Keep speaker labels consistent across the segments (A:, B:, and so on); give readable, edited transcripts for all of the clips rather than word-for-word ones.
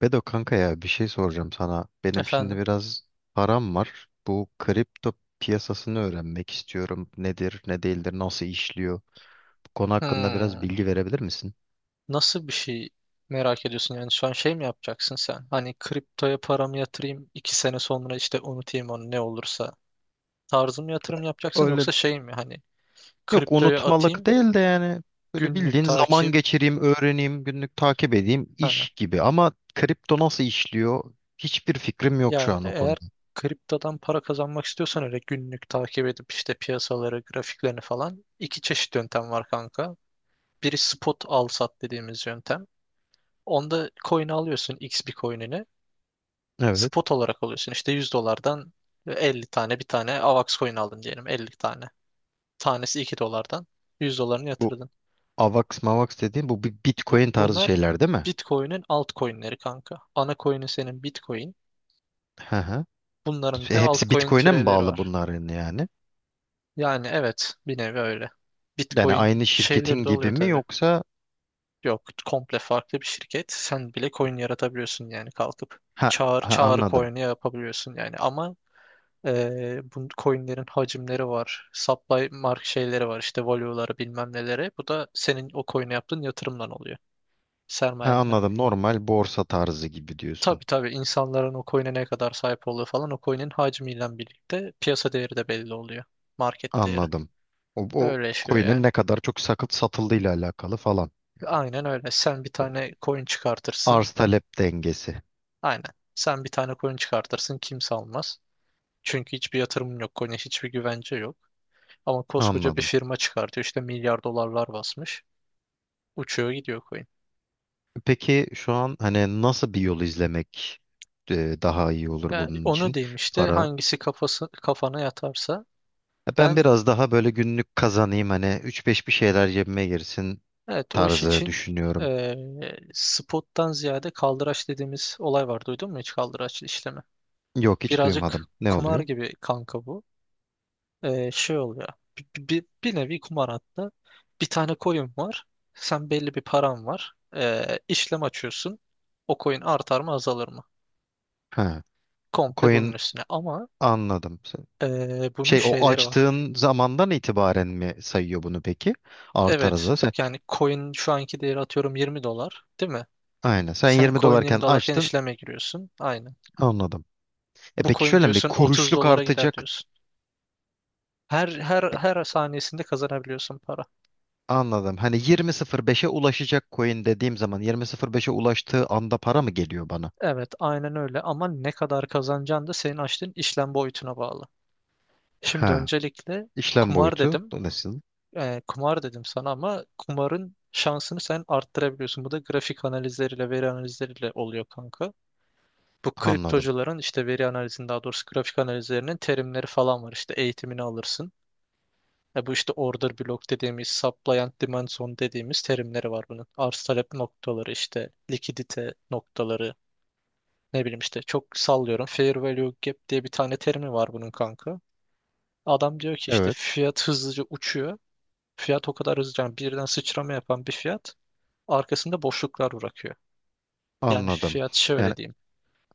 A: Bedo kanka ya bir şey soracağım sana. Benim şimdi
B: Efendim.
A: biraz param var. Bu kripto piyasasını öğrenmek istiyorum. Nedir, ne değildir, nasıl işliyor? Bu konu hakkında biraz
B: Hmm.
A: bilgi verebilir misin?
B: Nasıl bir şey merak ediyorsun yani şu an şey mi yapacaksın sen? Hani kriptoya paramı yatırayım 2 sene sonra işte unutayım onu ne olursa. Tarzı mı yatırım yapacaksın
A: Öyle,
B: yoksa şey mi hani
A: yok
B: kriptoya
A: unutmalık
B: atayım
A: değil de yani, böyle
B: günlük
A: bildiğin zaman
B: takip.
A: geçireyim, öğreneyim, günlük takip edeyim
B: Ha.
A: iş gibi. Ama kripto nasıl işliyor? Hiçbir fikrim yok şu
B: Yani
A: an o
B: eğer
A: konuda.
B: kriptodan para kazanmak istiyorsan öyle günlük takip edip işte piyasaları grafiklerini falan iki çeşit yöntem var kanka. Biri spot al sat dediğimiz yöntem. Onda coin alıyorsun X bir coin'ini.
A: Evet.
B: Spot olarak alıyorsun. İşte 100 dolardan 50 tane bir tane AVAX coin aldın diyelim 50 tane. Tanesi 2 dolardan 100 dolarını
A: Bu
B: yatırdın.
A: AVAX MAVAX dediğim bu bir
B: Bu,
A: Bitcoin tarzı
B: bunlar
A: şeyler değil mi?
B: Bitcoin'in altcoin'leri kanka. Ana coin'i senin Bitcoin.
A: Hı hı.
B: Bunların bir de
A: Hepsi
B: altcoin
A: Bitcoin'e mi
B: türevleri
A: bağlı
B: var.
A: bunların yani?
B: Yani evet bir nevi öyle.
A: Yani
B: Bitcoin
A: aynı
B: şeyleri
A: şirketin
B: de
A: gibi
B: oluyor
A: mi
B: tabii.
A: yoksa?
B: Yok komple farklı bir şirket. Sen bile coin yaratabiliyorsun yani kalkıp.
A: Ha,
B: Çağır,
A: ha
B: çağrı
A: anladım.
B: coin'i yapabiliyorsun yani. Ama bu coinlerin hacimleri var. Supply mark şeyleri var. İşte value'ları bilmem neleri. Bu da senin o coin'e yaptığın yatırımdan oluyor.
A: Ha,
B: Sermayenden.
A: anladım. Normal borsa tarzı gibi diyorsun.
B: Tabii tabii, insanların o coin'e ne kadar sahip olduğu falan o coin'in hacmiyle birlikte piyasa değeri de belli oluyor. Market değeri.
A: Anladım. O
B: Öyle yaşıyor
A: coin'in
B: yani.
A: ne kadar çok sakıp satıldığıyla alakalı falan.
B: Aynen öyle. Sen bir tane coin çıkartırsın.
A: Arz talep dengesi.
B: Aynen. Sen bir tane coin çıkartırsın kimse almaz. Çünkü hiçbir yatırımın yok. Coin'e hiçbir güvence yok. Ama koskoca bir
A: Anladım.
B: firma çıkartıyor. İşte milyar dolarlar basmış. Uçuyor gidiyor coin.
A: Peki şu an hani nasıl bir yol izlemek daha iyi olur
B: Yani
A: bunun
B: onu
A: için?
B: diyeyim işte
A: Para.
B: hangisi kafası kafana yatarsa.
A: Ben
B: Ben
A: biraz daha böyle günlük kazanayım, hani üç beş bir şeyler cebime girsin
B: evet, o iş
A: tarzı
B: için
A: düşünüyorum.
B: eee, spottan ziyade kaldıraç dediğimiz olay var. Duydun mu hiç kaldıraç işlemi?
A: Yok, hiç
B: Birazcık
A: duymadım. Ne
B: kumar
A: oluyor?
B: gibi kanka bu. Şey oluyor. Bir nevi kumar hatta. Bir tane coin var. Sen belli bir paran var. İşlem açıyorsun. O coin artar mı azalır mı?
A: Ha.
B: Komple
A: Coin.
B: bunun üstüne. Ama
A: Anladım.
B: bunun
A: Şey, o
B: şeyleri var.
A: açtığın zamandan itibaren mi sayıyor bunu peki? Artar
B: Evet.
A: azalır. Sen,
B: Yani coin şu anki değeri atıyorum 20 dolar, değil mi?
A: aynen. Sen
B: Sen
A: 20
B: coin
A: dolarken
B: 20 dolarken
A: açtın.
B: işleme giriyorsun. Aynen.
A: Anladım.
B: Bu
A: Peki
B: coin
A: şöyle mi?
B: diyorsun 30
A: Kuruşluk
B: dolara gider
A: artacak.
B: diyorsun. Her saniyesinde kazanabiliyorsun para.
A: Anladım. Hani 20.05'e ulaşacak coin dediğim zaman 20.05'e ulaştığı anda para mı geliyor bana?
B: Evet, aynen öyle ama ne kadar kazanacağın da senin açtığın işlem boyutuna bağlı. Şimdi
A: Ha.
B: öncelikle
A: İşlem
B: kumar
A: boyutu
B: dedim.
A: nasıl?
B: Kumar dedim sana ama kumarın şansını sen arttırabiliyorsun. Bu da grafik analizleriyle, veri analizleriyle oluyor kanka. Bu
A: Anladım.
B: kriptocuların işte veri analizinin, daha doğrusu grafik analizlerinin terimleri falan var. İşte eğitimini alırsın. Bu işte order block dediğimiz, supply and demand zone dediğimiz terimleri var bunun. Arz talep noktaları işte likidite noktaları, ne bileyim işte çok sallıyorum. Fair value gap diye bir tane terimi var bunun kanka. Adam diyor ki işte
A: Evet.
B: fiyat hızlıca uçuyor. Fiyat o kadar hızlıca, yani birden sıçrama yapan bir fiyat arkasında boşluklar bırakıyor. Yani
A: Anladım.
B: fiyat
A: Yani
B: şöyle diyeyim.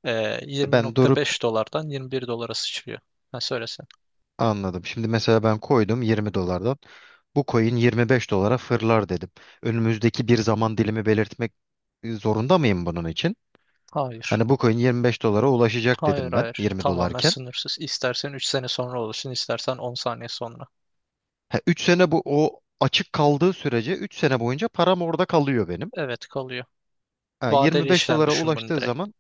B: Ee,
A: ben durup
B: 20.5 dolardan 21 dolara sıçrıyor. Ha, söylesen.
A: anladım. Şimdi mesela ben koydum 20 dolardan. Bu coin 25 dolara fırlar dedim. Önümüzdeki bir zaman dilimi belirtmek zorunda mıyım bunun için?
B: Hayır.
A: Hani bu coin 25 dolara ulaşacak
B: Hayır,
A: dedim ben
B: hayır.
A: 20
B: Tamamen
A: dolarken.
B: sınırsız. İstersen 3 sene sonra olursun, istersen 10 saniye sonra.
A: Ha, 3 sene, bu o açık kaldığı sürece 3 sene boyunca param orada kalıyor benim.
B: Evet, kalıyor.
A: Ha,
B: Vadeli
A: 25
B: işlem
A: dolara
B: düşün bunu
A: ulaştığı
B: direkt.
A: zaman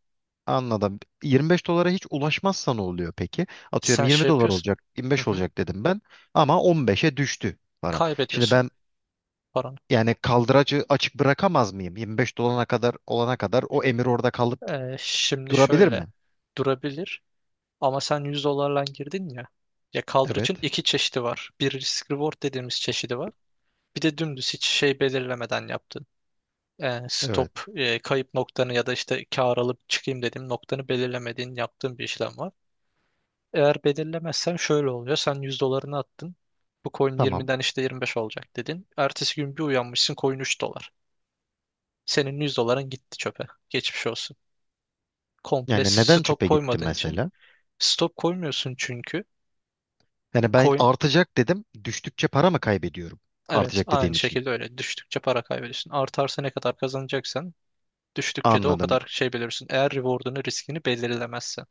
A: anladım. 25 dolara hiç ulaşmazsa ne oluyor peki? Atıyorum
B: Sen şey
A: 20 dolar
B: yapıyorsun.
A: olacak,
B: Hı
A: 25
B: hı.
A: olacak dedim ben ama 15'e düştü param. Şimdi
B: Kaybediyorsun
A: ben
B: paranı.
A: yani kaldıracı açık bırakamaz mıyım? 25 dolana kadar, olana kadar o emir orada kalıp
B: Şimdi
A: durabilir
B: şöyle
A: mi?
B: durabilir ama sen 100 dolarla girdin ya. Ya,
A: Evet.
B: kaldırıcın iki çeşidi var. Bir risk reward dediğimiz çeşidi var. Bir de dümdüz hiç şey belirlemeden yaptığın. e,
A: Evet.
B: stop kayıp noktanı ya da işte kar alıp çıkayım dediğim noktanı belirlemediğin yaptığın bir işlem var. Eğer belirlemezsen şöyle oluyor. Sen 100 dolarını attın. Bu coin
A: Tamam.
B: 20'den işte 25 olacak dedin. Ertesi gün bir uyanmışsın, coin 3 dolar. Senin 100 doların gitti çöpe. Geçmiş olsun. Komple
A: Yani neden
B: stop
A: çöpe gitti
B: koymadığın için.
A: mesela?
B: Stop koymuyorsun çünkü.
A: Yani ben
B: Coin
A: artacak dedim. Düştükçe para mı kaybediyorum?
B: evet,
A: Artacak
B: aynı
A: dediğim için.
B: şekilde öyle. Düştükçe para kaybediyorsun. Artarsa ne kadar kazanacaksan, düştükçe de o
A: Anladım.
B: kadar şey belirsin. Eğer reward'unu, riskini belirlemezsen.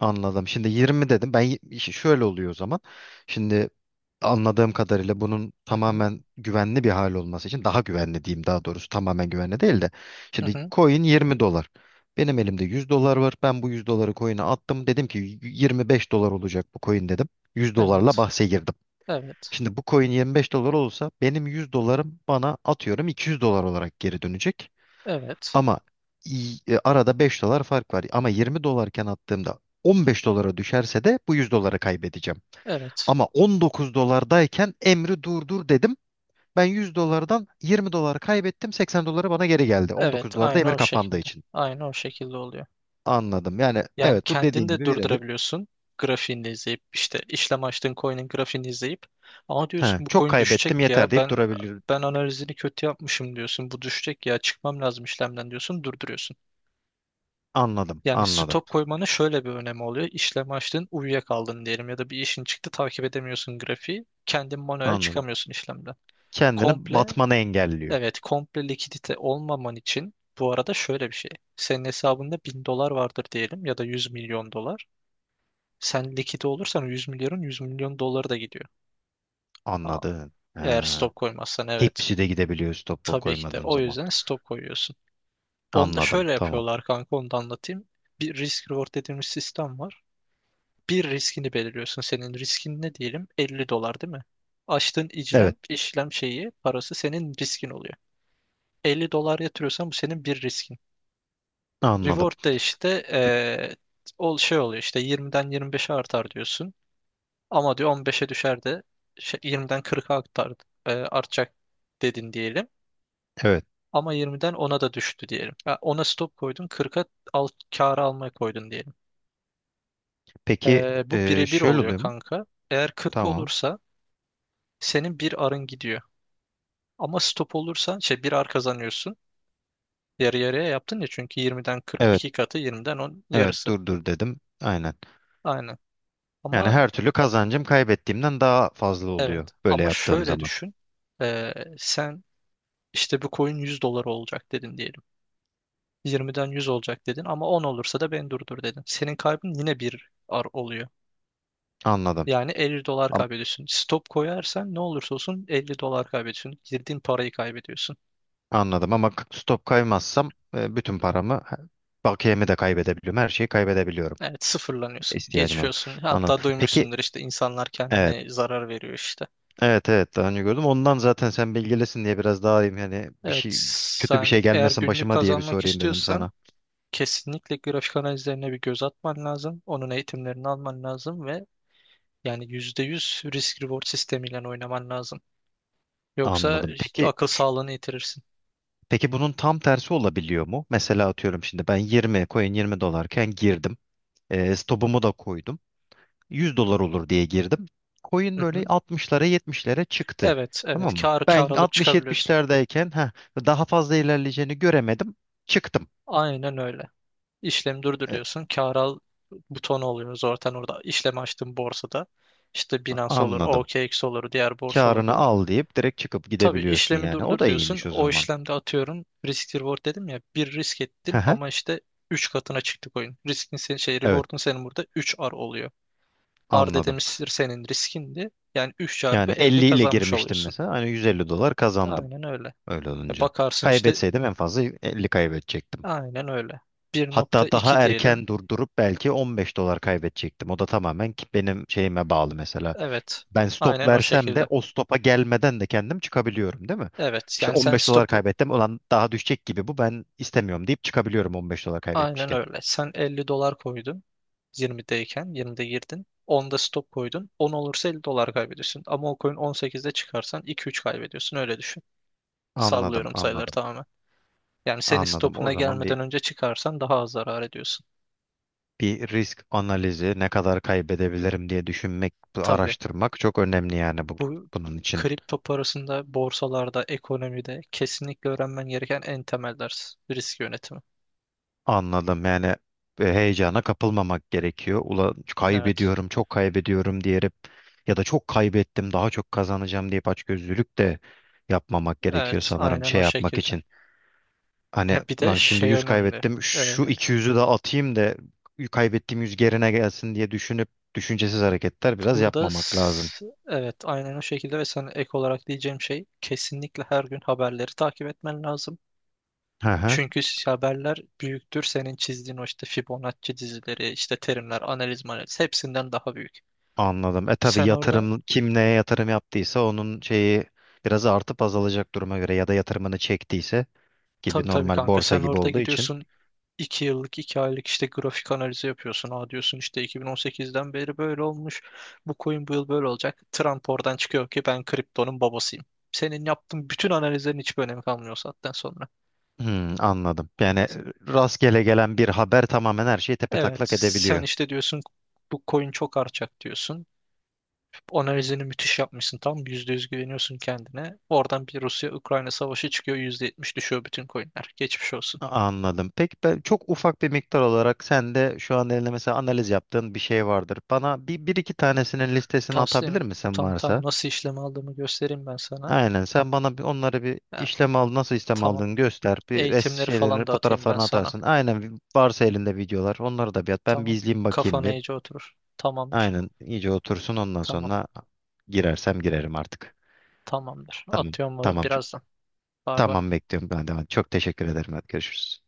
A: Anladım. Şimdi 20 dedim. Ben işte şöyle oluyor o zaman. Şimdi anladığım kadarıyla bunun
B: Hı hı,
A: tamamen güvenli bir hal olması için daha güvenli diyeyim, daha doğrusu tamamen güvenli değil de.
B: hı
A: Şimdi
B: hı.
A: coin 20 dolar. Benim elimde 100 dolar var. Ben bu 100 doları coin'e attım. Dedim ki 25 dolar olacak bu coin dedim. 100 dolarla
B: Evet.
A: bahse girdim.
B: Evet.
A: Şimdi bu coin 25 dolar olsa benim 100 dolarım bana atıyorum 200 dolar olarak geri dönecek.
B: Evet.
A: Ama arada 5 dolar fark var. Ama 20 dolarken attığımda 15 dolara düşerse de bu 100 doları kaybedeceğim.
B: Evet.
A: Ama 19 dolardayken emri durdur dedim. Ben 100 dolardan 20 dolar kaybettim. 80 doları bana geri geldi.
B: Evet.
A: 19 dolarda
B: Aynı
A: emir
B: o
A: kapandığı
B: şekilde.
A: için.
B: Aynı o şekilde oluyor.
A: Anladım. Yani
B: Yani
A: evet, bu
B: kendini
A: dediğin
B: de
A: gibi birebir.
B: durdurabiliyorsun. Grafiğini de izleyip işte, işlem açtığın coin'in grafiğini izleyip, ama
A: He,
B: diyorsun bu
A: çok
B: coin
A: kaybettim
B: düşecek
A: yeter
B: ya,
A: deyip
B: ben
A: durabilir.
B: ben analizini kötü yapmışım diyorsun, bu düşecek ya çıkmam lazım işlemden diyorsun, durduruyorsun.
A: Anladım,
B: Yani
A: anladım,
B: stop koymanın şöyle bir önemi oluyor. İşlem açtın, uyuyakaldın diyelim ya da bir işin çıktı, takip edemiyorsun grafiği. Kendin manuel
A: anladım.
B: çıkamıyorsun işlemden.
A: Kendini
B: Komple
A: batmanı engelliyor.
B: Evet, komple likidite olmaman için. Bu arada şöyle bir şey. Senin hesabında 1.000 dolar vardır diyelim ya da 100 milyon dolar. Sen likide olursan o 100 milyonun, 100 milyon doları da gidiyor. Aa,
A: Anladın. He.
B: Eğer stop koymazsan evet.
A: Hepsi de gidebiliyor stopu
B: Tabii ki de.
A: koymadığın
B: O
A: zaman.
B: yüzden stop koyuyorsun. Onu da
A: Anladım.
B: şöyle
A: Tamam.
B: yapıyorlar kanka, onu da anlatayım. Bir risk reward dediğimiz sistem var. Bir riskini belirliyorsun. Senin riskin ne diyelim? 50 dolar değil mi? Açtığın işlem,
A: Evet.
B: işlem şeyi, parası senin riskin oluyor. 50 dolar yatırıyorsan bu senin bir riskin.
A: Anladım.
B: Reward da işte ol şey oluyor işte, 20'den 25'e artar diyorsun. Ama diyor 15'e düşer de şey, 20'den 40'a artar, artacak dedin diyelim.
A: Evet.
B: Ama 20'den 10'a da düştü diyelim. Ya 10'a stop koydun, 40'a al, kârı almaya koydun diyelim.
A: Peki
B: Bu birebir
A: şöyle
B: oluyor
A: oluyor mu?
B: kanka. Eğer 40
A: Tamam.
B: olursa senin bir arın gidiyor. Ama stop olursa şey, bir ar kazanıyorsun. Yarı yarıya yaptın ya çünkü 20'den 40
A: Evet.
B: iki katı, 20'den 10
A: Evet.
B: yarısı.
A: Dur dur dedim. Aynen.
B: Aynen.
A: Yani
B: Ama
A: her türlü kazancım kaybettiğimden daha fazla
B: Evet,
A: oluyor böyle
B: ama
A: yaptığım
B: şöyle
A: zaman.
B: düşün. Sen işte bu coin 100 dolar olacak dedin diyelim. 20'den 100 olacak dedin ama 10 olursa da beni durdur dedin. Senin kaybın yine bir ar oluyor.
A: Anladım.
B: Yani 50 dolar
A: Am-
B: kaybediyorsun. Stop koyarsan ne olursa olsun 50 dolar kaybediyorsun. Girdiğin parayı kaybediyorsun.
A: Anladım ama stop kaymazsam, bütün paramı, bakiyemi de kaybedebiliyorum. Her şeyi kaybedebiliyorum.
B: Evet, sıfırlanıyorsun.
A: İhtiyacım olan.
B: Geçiyorsun. Hatta
A: Anladım. Peki,
B: duymuşsundur, işte insanlar
A: evet.
B: kendine zarar veriyor işte.
A: Evet evet, daha önce gördüm. Ondan zaten sen bilgilesin diye biraz daha iyiyim. Hani bir şey,
B: Evet,
A: kötü bir şey
B: yani eğer
A: gelmesin
B: günlük
A: başıma diye bir
B: kazanmak
A: sorayım dedim
B: istiyorsan
A: sana.
B: kesinlikle grafik analizlerine bir göz atman lazım. Onun eğitimlerini alman lazım ve yani %100 risk reward sistemiyle oynaman lazım. Yoksa
A: Anladım. Peki
B: akıl sağlığını yitirirsin.
A: peki, bunun tam tersi olabiliyor mu? Mesela atıyorum şimdi ben 20 coin 20 dolarken girdim. Stopumu da koydum. 100 dolar olur diye girdim. Coin
B: Hı
A: böyle
B: hı.
A: 60'lara 70'lere çıktı.
B: Evet, evet.
A: Tamam mı?
B: Kar
A: Ben
B: alıp çıkabiliyorsun.
A: 60-70'lerdeyken daha fazla ilerleyeceğini göremedim. Çıktım.
B: Aynen öyle. İşlemi durdur
A: E,
B: diyorsun. Kar al butonu oluyor zaten orada. İşlemi açtığın borsada. İşte Binance olur,
A: Anladım.
B: OKX olur, diğer borsalar
A: Karını
B: olur.
A: al deyip direkt çıkıp
B: Tabii
A: gidebiliyorsun
B: işlemi
A: yani.
B: durdur
A: O da
B: diyorsun.
A: iyiymiş o
B: O
A: zaman.
B: işlemde atıyorum risk reward dedim ya. Bir risk ettin
A: Aha,
B: ama işte 3 katına çıktık oyun. Riskin senin şey,
A: evet
B: reward'un senin burada üç r oluyor. Ard
A: anladım.
B: dedemiştir senin riskindi. Yani 3 çarpı
A: Yani
B: 50
A: 50 ile
B: kazanmış
A: girmiştim
B: oluyorsun.
A: mesela. Hani 150 dolar kazandım
B: Aynen öyle.
A: öyle
B: E
A: olunca.
B: bakarsın işte
A: Kaybetseydim en fazla 50 kaybedecektim.
B: aynen öyle.
A: Hatta daha
B: 1.2 diyelim.
A: erken durdurup belki 15 dolar kaybedecektim. O da tamamen ki benim şeyime bağlı mesela.
B: Evet.
A: Ben stop
B: Aynen o
A: versem de
B: şekilde.
A: o stopa gelmeden de kendim çıkabiliyorum değil mi?
B: Evet.
A: İşte
B: Yani sen
A: 15 dolar
B: stopu,
A: kaybettim. Ulan daha düşecek gibi bu, ben istemiyorum deyip çıkabiliyorum 15 dolar
B: aynen
A: kaybetmişken.
B: öyle. Sen 50 dolar koydun. 20'deyken 20'de girdin. 10'da stop koydun. 10 olursa 50 dolar kaybediyorsun. Ama o coin 18'de çıkarsan 2-3 kaybediyorsun. Öyle düşün.
A: Anladım,
B: Sallıyorum sayıları
A: anladım.
B: tamamen. Yani senin
A: Anladım. O
B: stopuna
A: zaman bir
B: gelmeden önce çıkarsan daha az zarar ediyorsun.
A: bir risk analizi ne kadar kaybedebilirim diye düşünmek,
B: Tabii.
A: araştırmak çok önemli yani bu,
B: Bu
A: bunun için.
B: kripto parasında, borsalarda, ekonomide kesinlikle öğrenmen gereken en temel ders risk yönetimi.
A: Anladım. Yani heyecana kapılmamak gerekiyor. Ulan
B: Evet,
A: kaybediyorum, çok kaybediyorum diyerek ya da çok kaybettim, daha çok kazanacağım deyip açgözlülük de yapmamak gerekiyor
B: evet,
A: sanırım
B: aynen
A: şey
B: o
A: yapmak
B: şekilde.
A: için. Hani
B: Ha, bir de
A: ulan şimdi
B: şey
A: 100
B: önemli.
A: kaybettim,
B: Ee,
A: şu 200'ü de atayım da kaybettiğim 100 gerine gelsin diye düşünüp düşüncesiz hareketler biraz
B: burada
A: yapmamak lazım.
B: evet, aynen o şekilde ve sana ek olarak diyeceğim şey, kesinlikle her gün haberleri takip etmen lazım.
A: Hı hı.
B: Çünkü haberler büyüktür. Senin çizdiğin o işte Fibonacci dizileri, işte terimler, analiz, hepsinden daha büyük.
A: Anladım. Tabii
B: Sen orada
A: yatırım, kim neye yatırım yaptıysa onun şeyi biraz artıp azalacak duruma göre, ya da yatırımını çektiyse gibi
B: Tabii tabii,
A: normal
B: kanka,
A: borsa
B: sen
A: gibi
B: orada
A: olduğu için.
B: gidiyorsun, 2 yıllık 2 aylık işte grafik analizi yapıyorsun. Aa, diyorsun işte 2018'den beri böyle olmuş. Bu coin bu yıl böyle olacak. Trump oradan çıkıyor ki ben kriptonun babasıyım. Senin yaptığın bütün analizlerin hiçbir önemi kalmıyor o saatten sonra.
A: Anladım. Yani rastgele gelen bir haber tamamen her şeyi
B: Evet,
A: tepetaklak
B: sen
A: edebiliyor.
B: işte diyorsun bu coin çok artacak diyorsun. Analizini müthiş yapmışsın, tam %100 güveniyorsun kendine. Oradan bir Rusya-Ukrayna savaşı çıkıyor, %70 düşüyor bütün coinler. Geçmiş olsun.
A: Anladım. Peki ben çok ufak bir miktar olarak sen de şu an elinde mesela analiz yaptığın bir şey vardır. Bana bir iki tanesinin listesini
B: Taslim
A: atabilir misin
B: tam tam
A: varsa?
B: nasıl işlem aldığımı göstereyim ben sana.
A: Aynen. Sen bana bir onları bir
B: Ya,
A: işlem al, nasıl işlem
B: tamam.
A: aldığını göster. Bir res
B: Eğitimleri
A: şeylerini
B: falan da atayım ben
A: fotoğraflarını
B: sana.
A: atarsın. Aynen varsa elinde videolar onları da bir at. Ben bir
B: Tamam.
A: izleyeyim bakayım
B: Kafana
A: bir.
B: iyice oturur. Tamamdır.
A: Aynen, iyice otursun ondan
B: Tamam.
A: sonra girersem girerim artık.
B: Tamamdır.
A: Tamam.
B: Atıyorum
A: Tamam.
B: birazdan. Bay bay.
A: Tamam, bekliyorum ben de. Çok teşekkür ederim. Hadi görüşürüz.